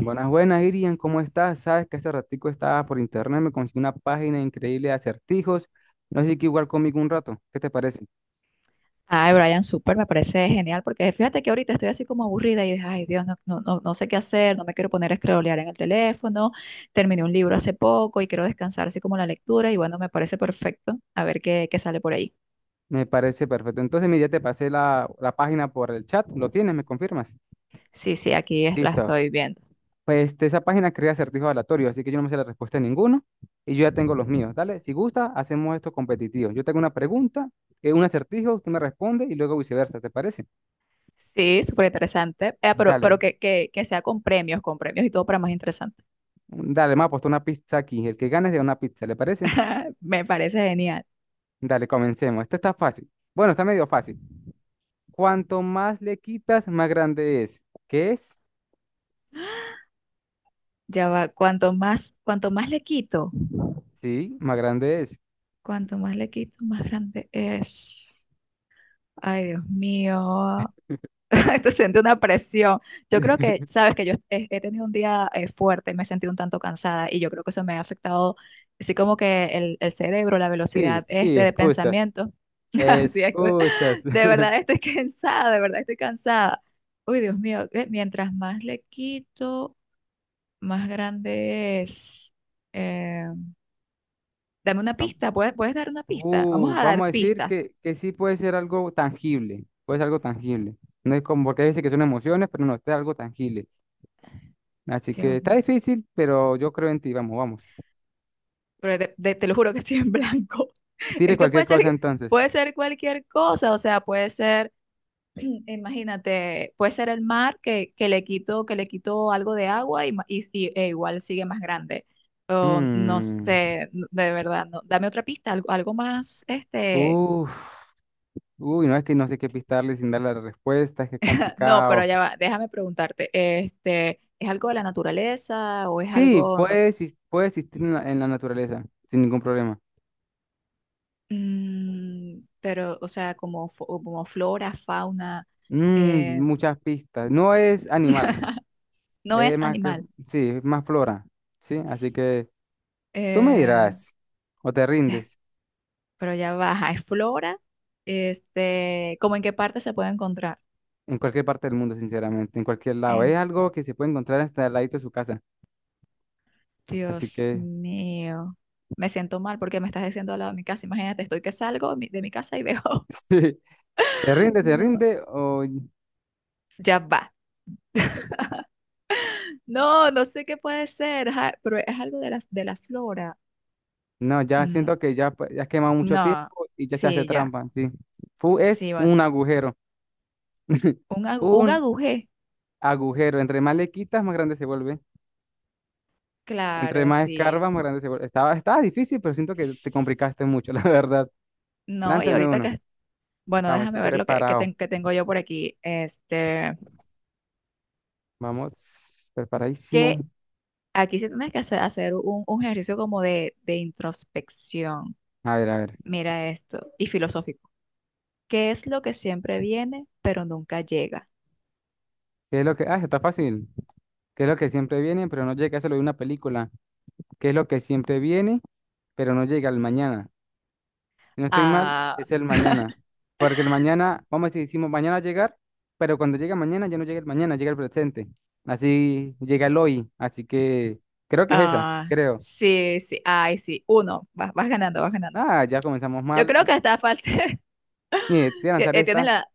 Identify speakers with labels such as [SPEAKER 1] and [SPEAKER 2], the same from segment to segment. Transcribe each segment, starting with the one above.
[SPEAKER 1] Buenas, buenas, Irian, ¿cómo estás? Sabes que hace ratico estaba por internet, me conseguí una página increíble de acertijos. No sé si quieres jugar conmigo un rato. ¿Qué te parece?
[SPEAKER 2] Ay, Brian, súper, me parece genial, porque fíjate que ahorita estoy así como aburrida y dije, ay Dios, no, no, no, no sé qué hacer, no me quiero poner a scrollear en el teléfono, terminé un libro hace poco y quiero descansar así como la lectura y bueno, me parece perfecto, a ver qué sale por ahí.
[SPEAKER 1] Me parece perfecto. Entonces, mira, ya te pasé la página por el chat. ¿Lo tienes? ¿Me confirmas?
[SPEAKER 2] Sí, sí, aquí la
[SPEAKER 1] Listo.
[SPEAKER 2] estoy viendo.
[SPEAKER 1] Pues esa página crea acertijos aleatorios, así que yo no me sé la respuesta de ninguno y yo ya tengo los míos. Dale, si gusta, hacemos esto competitivo. Yo tengo una pregunta, un acertijo, tú me respondes y luego viceversa, ¿te parece?
[SPEAKER 2] Sí, súper interesante. Pero
[SPEAKER 1] Dale,
[SPEAKER 2] que sea con premios y todo para más interesante.
[SPEAKER 1] dale, me ha puesto una pizza aquí. El que gane se da una pizza, ¿le parece?
[SPEAKER 2] Me parece genial.
[SPEAKER 1] Dale, comencemos. Este está fácil. Bueno, está medio fácil. Cuanto más le quitas, más grande es. ¿Qué es?
[SPEAKER 2] Ya va,
[SPEAKER 1] Sí, más grande es.
[SPEAKER 2] cuanto más le quito, más grande es. Ay, Dios mío. Te siente una presión. Yo creo que, sabes que yo he tenido un día fuerte, me he sentido un tanto cansada y yo creo que eso me ha afectado, así como que el cerebro, la
[SPEAKER 1] Sí,
[SPEAKER 2] velocidad
[SPEAKER 1] sí,
[SPEAKER 2] este de
[SPEAKER 1] excusas.
[SPEAKER 2] pensamiento. Así es, que,
[SPEAKER 1] Excusas.
[SPEAKER 2] de verdad estoy cansada, de verdad estoy cansada. Uy, Dios mío, mientras más le quito, más grande es. Eh, dame una pista. Puedes dar una pista? Vamos a
[SPEAKER 1] Vamos
[SPEAKER 2] dar
[SPEAKER 1] a decir
[SPEAKER 2] pistas.
[SPEAKER 1] que sí puede ser algo tangible. Puede ser algo tangible. No es como porque dice que son emociones, pero no, este es algo tangible. Así que
[SPEAKER 2] Dios,
[SPEAKER 1] está difícil, pero yo creo en ti. Vamos, vamos.
[SPEAKER 2] pero te lo juro que estoy en blanco.
[SPEAKER 1] Tire
[SPEAKER 2] Es que puede
[SPEAKER 1] cualquier
[SPEAKER 2] ser,
[SPEAKER 1] cosa entonces.
[SPEAKER 2] puede ser cualquier cosa, o sea, puede ser, imagínate, puede ser el mar que le quito algo de agua y, e igual sigue más grande. O no
[SPEAKER 1] Mm.
[SPEAKER 2] sé, de verdad, no. Dame otra pista, algo más,
[SPEAKER 1] Uf. Uy, no es que no sé qué pistarle sin dar la respuesta, es que es
[SPEAKER 2] ah, no, pero
[SPEAKER 1] complicado.
[SPEAKER 2] ya va, déjame preguntarte, ¿es algo de la naturaleza o es
[SPEAKER 1] Sí,
[SPEAKER 2] algo, no sé,
[SPEAKER 1] puede, puede existir en la naturaleza, sin ningún problema.
[SPEAKER 2] pero, o sea, como, como flora, fauna,
[SPEAKER 1] Mm,
[SPEAKER 2] eh,
[SPEAKER 1] muchas pistas. No es animal,
[SPEAKER 2] No
[SPEAKER 1] es
[SPEAKER 2] es
[SPEAKER 1] más
[SPEAKER 2] animal.
[SPEAKER 1] sí, es más flora, ¿sí? Así que tú me
[SPEAKER 2] eh,
[SPEAKER 1] dirás, o te
[SPEAKER 2] eh,
[SPEAKER 1] rindes,
[SPEAKER 2] pero ya baja. Es flora. ¿Cómo en qué parte se puede encontrar?
[SPEAKER 1] en cualquier parte del mundo, sinceramente, en cualquier lado.
[SPEAKER 2] Eh,
[SPEAKER 1] Es algo que se puede encontrar hasta al ladito de su casa. Así
[SPEAKER 2] Dios
[SPEAKER 1] que,
[SPEAKER 2] mío. Me siento mal porque me estás diciendo al lado de mi casa. Imagínate, estoy que salgo de mi casa y veo.
[SPEAKER 1] sí, te
[SPEAKER 2] No,
[SPEAKER 1] rinde o...?
[SPEAKER 2] ya va. No, no sé qué puede ser, ajá, pero es algo de la flora.
[SPEAKER 1] No, ya
[SPEAKER 2] Mm,
[SPEAKER 1] siento que ya, pues, ya has quemado mucho
[SPEAKER 2] no,
[SPEAKER 1] tiempo y ya se hace
[SPEAKER 2] sí, ya.
[SPEAKER 1] trampa, sí. Fu es
[SPEAKER 2] Sí, bueno.
[SPEAKER 1] un agujero.
[SPEAKER 2] Un
[SPEAKER 1] Un
[SPEAKER 2] agujé.
[SPEAKER 1] agujero. Entre más le quitas, más grande se vuelve. Entre
[SPEAKER 2] Claro,
[SPEAKER 1] más
[SPEAKER 2] sí.
[SPEAKER 1] escarbas, más grande se vuelve. Estaba difícil, pero siento que te complicaste mucho, la verdad.
[SPEAKER 2] No, y
[SPEAKER 1] Lánzame
[SPEAKER 2] ahorita
[SPEAKER 1] uno.
[SPEAKER 2] que. Bueno,
[SPEAKER 1] Vamos, estoy
[SPEAKER 2] déjame ver lo que,
[SPEAKER 1] preparado.
[SPEAKER 2] que tengo yo por aquí.
[SPEAKER 1] Vamos, preparadísimo.
[SPEAKER 2] Que aquí sí tienes que hacer un ejercicio como de introspección.
[SPEAKER 1] A ver, a ver.
[SPEAKER 2] Mira esto, y filosófico. ¿Qué es lo que siempre viene, pero nunca llega?
[SPEAKER 1] ¿Qué es lo que... Ah, está fácil. ¿Qué es lo que siempre viene, pero no llega? Eso lo de una película. ¿Qué es lo que siempre viene, pero no llega al mañana? Si no estoy mal,
[SPEAKER 2] Ah,
[SPEAKER 1] es el mañana. Porque el mañana, vamos a decir, decimos mañana llegar, pero cuando llega mañana ya no llega el mañana, llega el presente. Así llega el hoy. Así que creo que es esa,
[SPEAKER 2] ah,
[SPEAKER 1] creo.
[SPEAKER 2] sí, sí, ay, sí. Uno, vas ganando, vas ganando.
[SPEAKER 1] Ah, ya comenzamos
[SPEAKER 2] Yo
[SPEAKER 1] mal.
[SPEAKER 2] creo que está falso.
[SPEAKER 1] Mire, te voy a
[SPEAKER 2] Ti-
[SPEAKER 1] lanzar
[SPEAKER 2] eh, Tienes
[SPEAKER 1] esta.
[SPEAKER 2] la,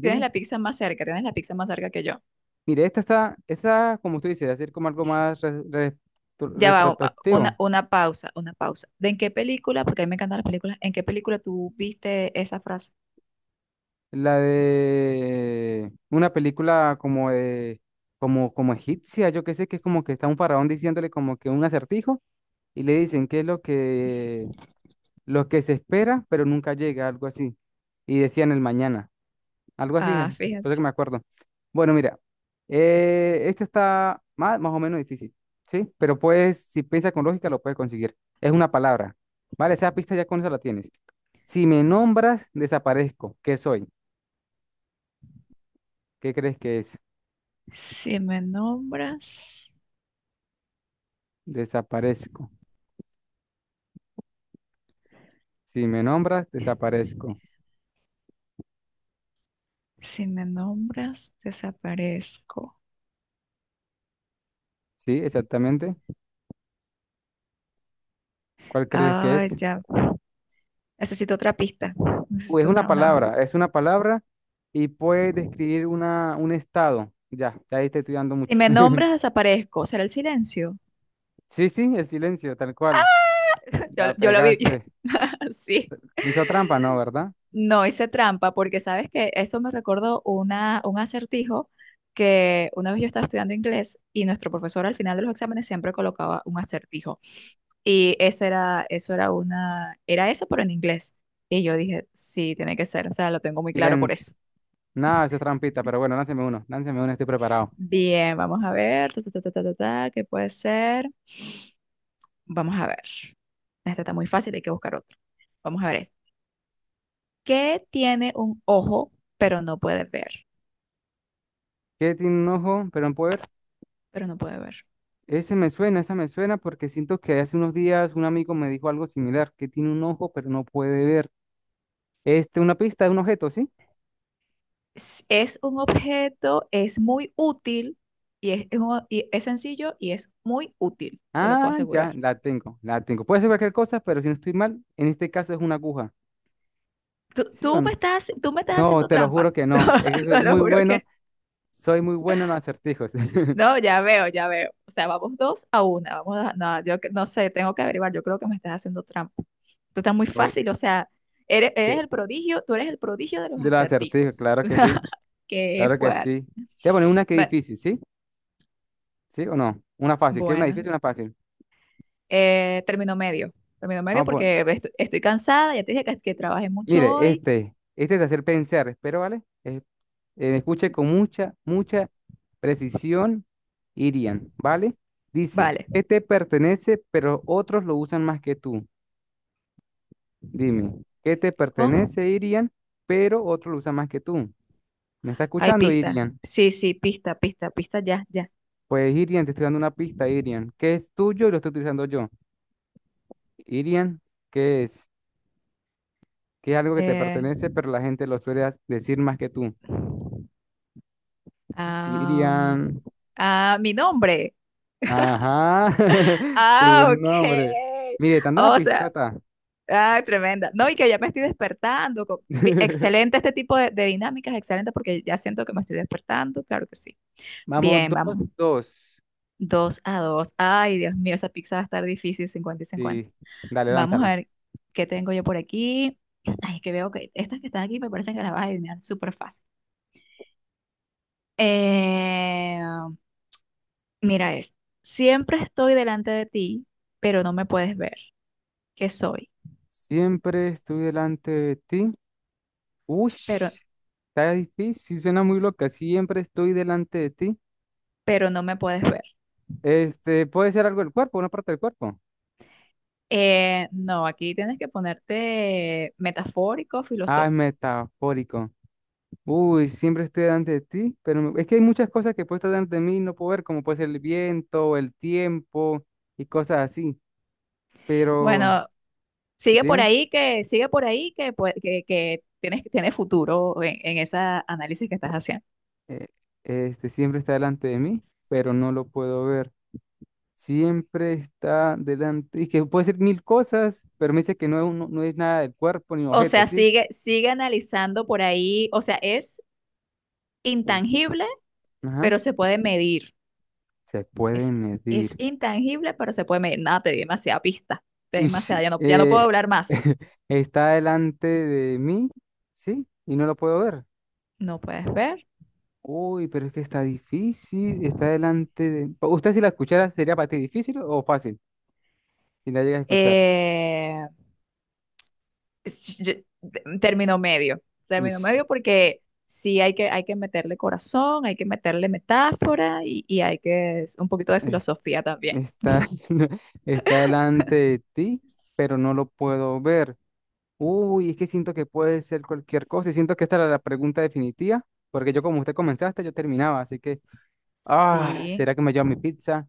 [SPEAKER 2] tienes la pizza más cerca, tienes la pizza más cerca que yo.
[SPEAKER 1] Mire, esta está, esta, como tú dices, hacer como algo más
[SPEAKER 2] Ya va,
[SPEAKER 1] retrospectivo.
[SPEAKER 2] una pausa, una pausa. ¿De en qué película? Porque a mí me encantan las películas. ¿En qué película tú viste esa frase?
[SPEAKER 1] La de una película como de, como, como egipcia, yo qué sé, que es como que está un faraón diciéndole como que un acertijo, y le dicen que es lo que se espera, pero nunca llega, algo así. Y decían el mañana, algo así,
[SPEAKER 2] Ah,
[SPEAKER 1] por eso
[SPEAKER 2] fíjate.
[SPEAKER 1] que me acuerdo. Bueno, mira, este está más, más o menos difícil, ¿sí? Pero puedes, si piensas con lógica, lo puedes conseguir. Es una palabra, ¿vale? Esa pista ya con eso la tienes. Si me nombras, desaparezco. ¿Qué soy? ¿Qué crees que es?
[SPEAKER 2] Si me nombras,
[SPEAKER 1] Desaparezco. Si me nombras, desaparezco.
[SPEAKER 2] si me nombras, desaparezco.
[SPEAKER 1] ¿Sí? Exactamente. ¿Cuál crees que es?
[SPEAKER 2] Ah, ya. Necesito otra pista.
[SPEAKER 1] Uy,
[SPEAKER 2] Necesito otra una.
[SPEAKER 1] es una palabra y puede describir una, un estado. Ya, ya ahí te estoy dando
[SPEAKER 2] Si
[SPEAKER 1] mucho.
[SPEAKER 2] me nombras, desaparezco. ¿Será el silencio?
[SPEAKER 1] Sí, sí, el silencio, tal cual.
[SPEAKER 2] Yo,
[SPEAKER 1] La
[SPEAKER 2] yo lo viví.
[SPEAKER 1] pegaste.
[SPEAKER 2] Sí.
[SPEAKER 1] Me hizo trampa, ¿no? ¿Verdad?
[SPEAKER 2] No hice trampa porque sabes que eso me recordó un acertijo que una vez yo estaba estudiando inglés y nuestro profesor al final de los exámenes siempre colocaba un acertijo. Y era eso, pero en inglés. Y yo dije, sí, tiene que ser, o sea, lo tengo muy claro por
[SPEAKER 1] Silencio.
[SPEAKER 2] eso.
[SPEAKER 1] Nada, esa es trampita, pero bueno, lánceme uno, estoy preparado.
[SPEAKER 2] Bien, vamos a ver, ta, ta, ta, ta, ta, ta, ta, ¿qué puede ser? Vamos a ver. Esta está muy fácil, hay que buscar otro. Vamos a ver esta. ¿Qué tiene un ojo, pero no puede ver?
[SPEAKER 1] ¿Qué tiene un ojo, pero no puede ver?
[SPEAKER 2] Pero no puede ver.
[SPEAKER 1] Ese me suena, esa me suena porque siento que hace unos días un amigo me dijo algo similar, que tiene un ojo, pero no puede ver. Este, una pista de un objeto, ¿sí?
[SPEAKER 2] Es un objeto, es muy útil y es sencillo y es muy útil, te lo puedo
[SPEAKER 1] Ah,
[SPEAKER 2] asegurar.
[SPEAKER 1] ya, la tengo, la tengo. Puede ser cualquier cosa, pero si no estoy mal, en este caso es una aguja.
[SPEAKER 2] Tú,
[SPEAKER 1] ¿Sí o
[SPEAKER 2] tú me
[SPEAKER 1] no?
[SPEAKER 2] estás, tú me estás
[SPEAKER 1] No,
[SPEAKER 2] haciendo
[SPEAKER 1] te lo
[SPEAKER 2] trampa.
[SPEAKER 1] juro que no. Es que
[SPEAKER 2] No, lo juro que
[SPEAKER 1] soy muy bueno en los acertijos.
[SPEAKER 2] no. Ya veo, ya veo. O sea, vamos dos a una. No, yo no sé, tengo que averiguar. Yo creo que me estás haciendo trampa. Tú estás muy
[SPEAKER 1] Oye,
[SPEAKER 2] fácil, o sea, eres
[SPEAKER 1] eh,
[SPEAKER 2] el prodigio, tú eres el prodigio de los
[SPEAKER 1] de los acertijos,
[SPEAKER 2] acertijos.
[SPEAKER 1] claro que sí,
[SPEAKER 2] Qué
[SPEAKER 1] claro que
[SPEAKER 2] fuerte.
[SPEAKER 1] sí. Te voy a poner una que es
[SPEAKER 2] Bueno,
[SPEAKER 1] difícil, ¿sí? ¿Sí o no? Una fácil, ¿quieres una
[SPEAKER 2] bueno.
[SPEAKER 1] difícil o una fácil?
[SPEAKER 2] Término medio. Término medio
[SPEAKER 1] Vamos a pon-
[SPEAKER 2] porque estoy, cansada, ya te dije que trabajé mucho
[SPEAKER 1] Mire,
[SPEAKER 2] hoy.
[SPEAKER 1] este es de hacer pensar, espero, ¿vale? Escuche con mucha, mucha precisión, Irian, ¿vale? Dice,
[SPEAKER 2] Vale.
[SPEAKER 1] ¿qué te pertenece, pero otros lo usan más que tú? Dime, ¿qué te
[SPEAKER 2] ¿Con?
[SPEAKER 1] pertenece, Irian, pero otros lo usan más que tú? ¿Me está
[SPEAKER 2] Hay
[SPEAKER 1] escuchando,
[SPEAKER 2] pista.
[SPEAKER 1] Irian?
[SPEAKER 2] Sí, sí, pista, pista, pista, ya, ya.
[SPEAKER 1] Pues, Irian, te estoy dando una pista, Irian. ¿Qué es tuyo y lo estoy utilizando yo? Irian, ¿qué es? ¿Qué es algo que te
[SPEAKER 2] Eh,
[SPEAKER 1] pertenece, pero la gente lo suele decir más que tú? Irian,
[SPEAKER 2] am, ah, mi nombre.
[SPEAKER 1] ajá, tu
[SPEAKER 2] Ah, ok.
[SPEAKER 1] nombre. Mire, te ando una
[SPEAKER 2] O sea,
[SPEAKER 1] pistota.
[SPEAKER 2] ah, tremenda. No, y que ya me estoy despertando. Excelente este tipo de dinámicas, excelente porque ya siento que me estoy despertando, claro que sí.
[SPEAKER 1] Vamos,
[SPEAKER 2] Bien,
[SPEAKER 1] dos,
[SPEAKER 2] vamos.
[SPEAKER 1] dos.
[SPEAKER 2] 2-2. Ay, Dios mío, esa pizza va a estar difícil, 50 y 50.
[SPEAKER 1] Sí, dale,
[SPEAKER 2] Vamos a
[SPEAKER 1] lánzala.
[SPEAKER 2] ver qué tengo yo por aquí. Ay, que veo que estas que están aquí me parecen que las vas a adivinar súper fácil. Eh, mira esto. Siempre estoy delante de ti, pero no me puedes ver. ¿Qué soy?
[SPEAKER 1] Siempre estoy delante de ti. Uy,
[SPEAKER 2] Pero,
[SPEAKER 1] está difícil, suena muy loca. Siempre estoy delante de ti.
[SPEAKER 2] pero no me puedes ver.
[SPEAKER 1] Este, puede ser algo del cuerpo, una parte del cuerpo.
[SPEAKER 2] No, aquí tienes que ponerte metafórico,
[SPEAKER 1] Ah, es
[SPEAKER 2] filosófico.
[SPEAKER 1] metafórico. Uy, siempre estoy delante de ti, pero es que hay muchas cosas que puede estar delante de mí y no puedo ver, como puede ser el viento, el tiempo y cosas así. Pero,
[SPEAKER 2] Bueno, sigue por
[SPEAKER 1] dime,
[SPEAKER 2] ahí que, tienes futuro en ese análisis que estás haciendo.
[SPEAKER 1] eh, este, siempre está delante de mí, pero no lo puedo ver. Siempre está delante, y que puede ser mil cosas, pero me dice que no es, no es nada del cuerpo ni
[SPEAKER 2] O
[SPEAKER 1] objeto,
[SPEAKER 2] sea,
[SPEAKER 1] ¿sí?
[SPEAKER 2] sigue analizando por ahí. O sea, es
[SPEAKER 1] El-
[SPEAKER 2] intangible, pero
[SPEAKER 1] ajá.
[SPEAKER 2] se puede medir.
[SPEAKER 1] Se puede
[SPEAKER 2] Es, es
[SPEAKER 1] medir.
[SPEAKER 2] intangible, pero se puede medir. Nada, te di demasiada pista. Te di
[SPEAKER 1] Uy, sí,
[SPEAKER 2] demasiada, ya no puedo hablar más.
[SPEAKER 1] está delante de mí, ¿sí? Y no lo puedo ver.
[SPEAKER 2] No puedes ver.
[SPEAKER 1] Uy, pero es que está difícil, está delante de... ¿Usted si la escuchara sería para ti difícil o fácil? Si la llegas a escuchar.
[SPEAKER 2] Eh, es- yo- término medio,
[SPEAKER 1] Uy,
[SPEAKER 2] término medio porque sí hay que meterle corazón, hay que meterle metáfora y hay que un poquito de
[SPEAKER 1] es-
[SPEAKER 2] filosofía también.
[SPEAKER 1] está, está delante de ti, pero no lo puedo ver. Uy, es que siento que puede ser cualquier cosa y siento que esta era la pregunta definitiva, porque yo como usted comenzaste, yo terminaba, así que... Ah,
[SPEAKER 2] Sí,
[SPEAKER 1] ¿será que me llevo mi pizza?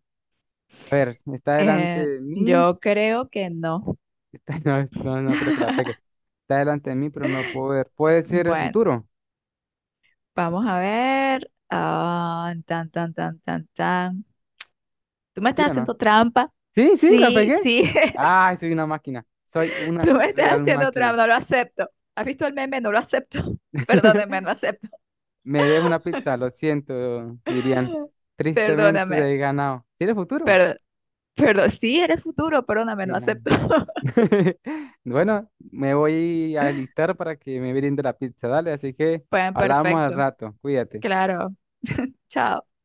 [SPEAKER 1] A ver, está delante
[SPEAKER 2] eh,
[SPEAKER 1] de mí.
[SPEAKER 2] yo creo que no.
[SPEAKER 1] No, no, no creo que la pegue. Está delante de mí, pero no puedo ver. ¿Puede ser el
[SPEAKER 2] Bueno,
[SPEAKER 1] futuro?
[SPEAKER 2] vamos a ver. Ah, tan, tan, tan, tan, tan. ¿Tú me
[SPEAKER 1] ¿Sí
[SPEAKER 2] estás
[SPEAKER 1] o no?
[SPEAKER 2] haciendo trampa?
[SPEAKER 1] Sí, sí, la
[SPEAKER 2] Sí,
[SPEAKER 1] pegué.
[SPEAKER 2] sí,
[SPEAKER 1] Ay, soy una máquina. Soy
[SPEAKER 2] tú
[SPEAKER 1] una
[SPEAKER 2] me estás
[SPEAKER 1] real
[SPEAKER 2] haciendo
[SPEAKER 1] máquina.
[SPEAKER 2] trampa, no lo acepto. ¿Has visto el meme? No lo acepto. Perdóname, no lo acepto.
[SPEAKER 1] Me dejo una pizza, lo siento, Irian. Tristemente
[SPEAKER 2] Perdóname.
[SPEAKER 1] he ganado. ¿Tiene futuro?
[SPEAKER 2] Perdón. Pero sí, eres futuro, perdóname,
[SPEAKER 1] Sí,
[SPEAKER 2] no
[SPEAKER 1] no.
[SPEAKER 2] acepto.
[SPEAKER 1] Bueno, me voy a alistar para que me brinde la pizza, dale. Así que
[SPEAKER 2] Pues
[SPEAKER 1] hablamos al
[SPEAKER 2] perfecto,
[SPEAKER 1] rato. Cuídate.
[SPEAKER 2] claro. Chao.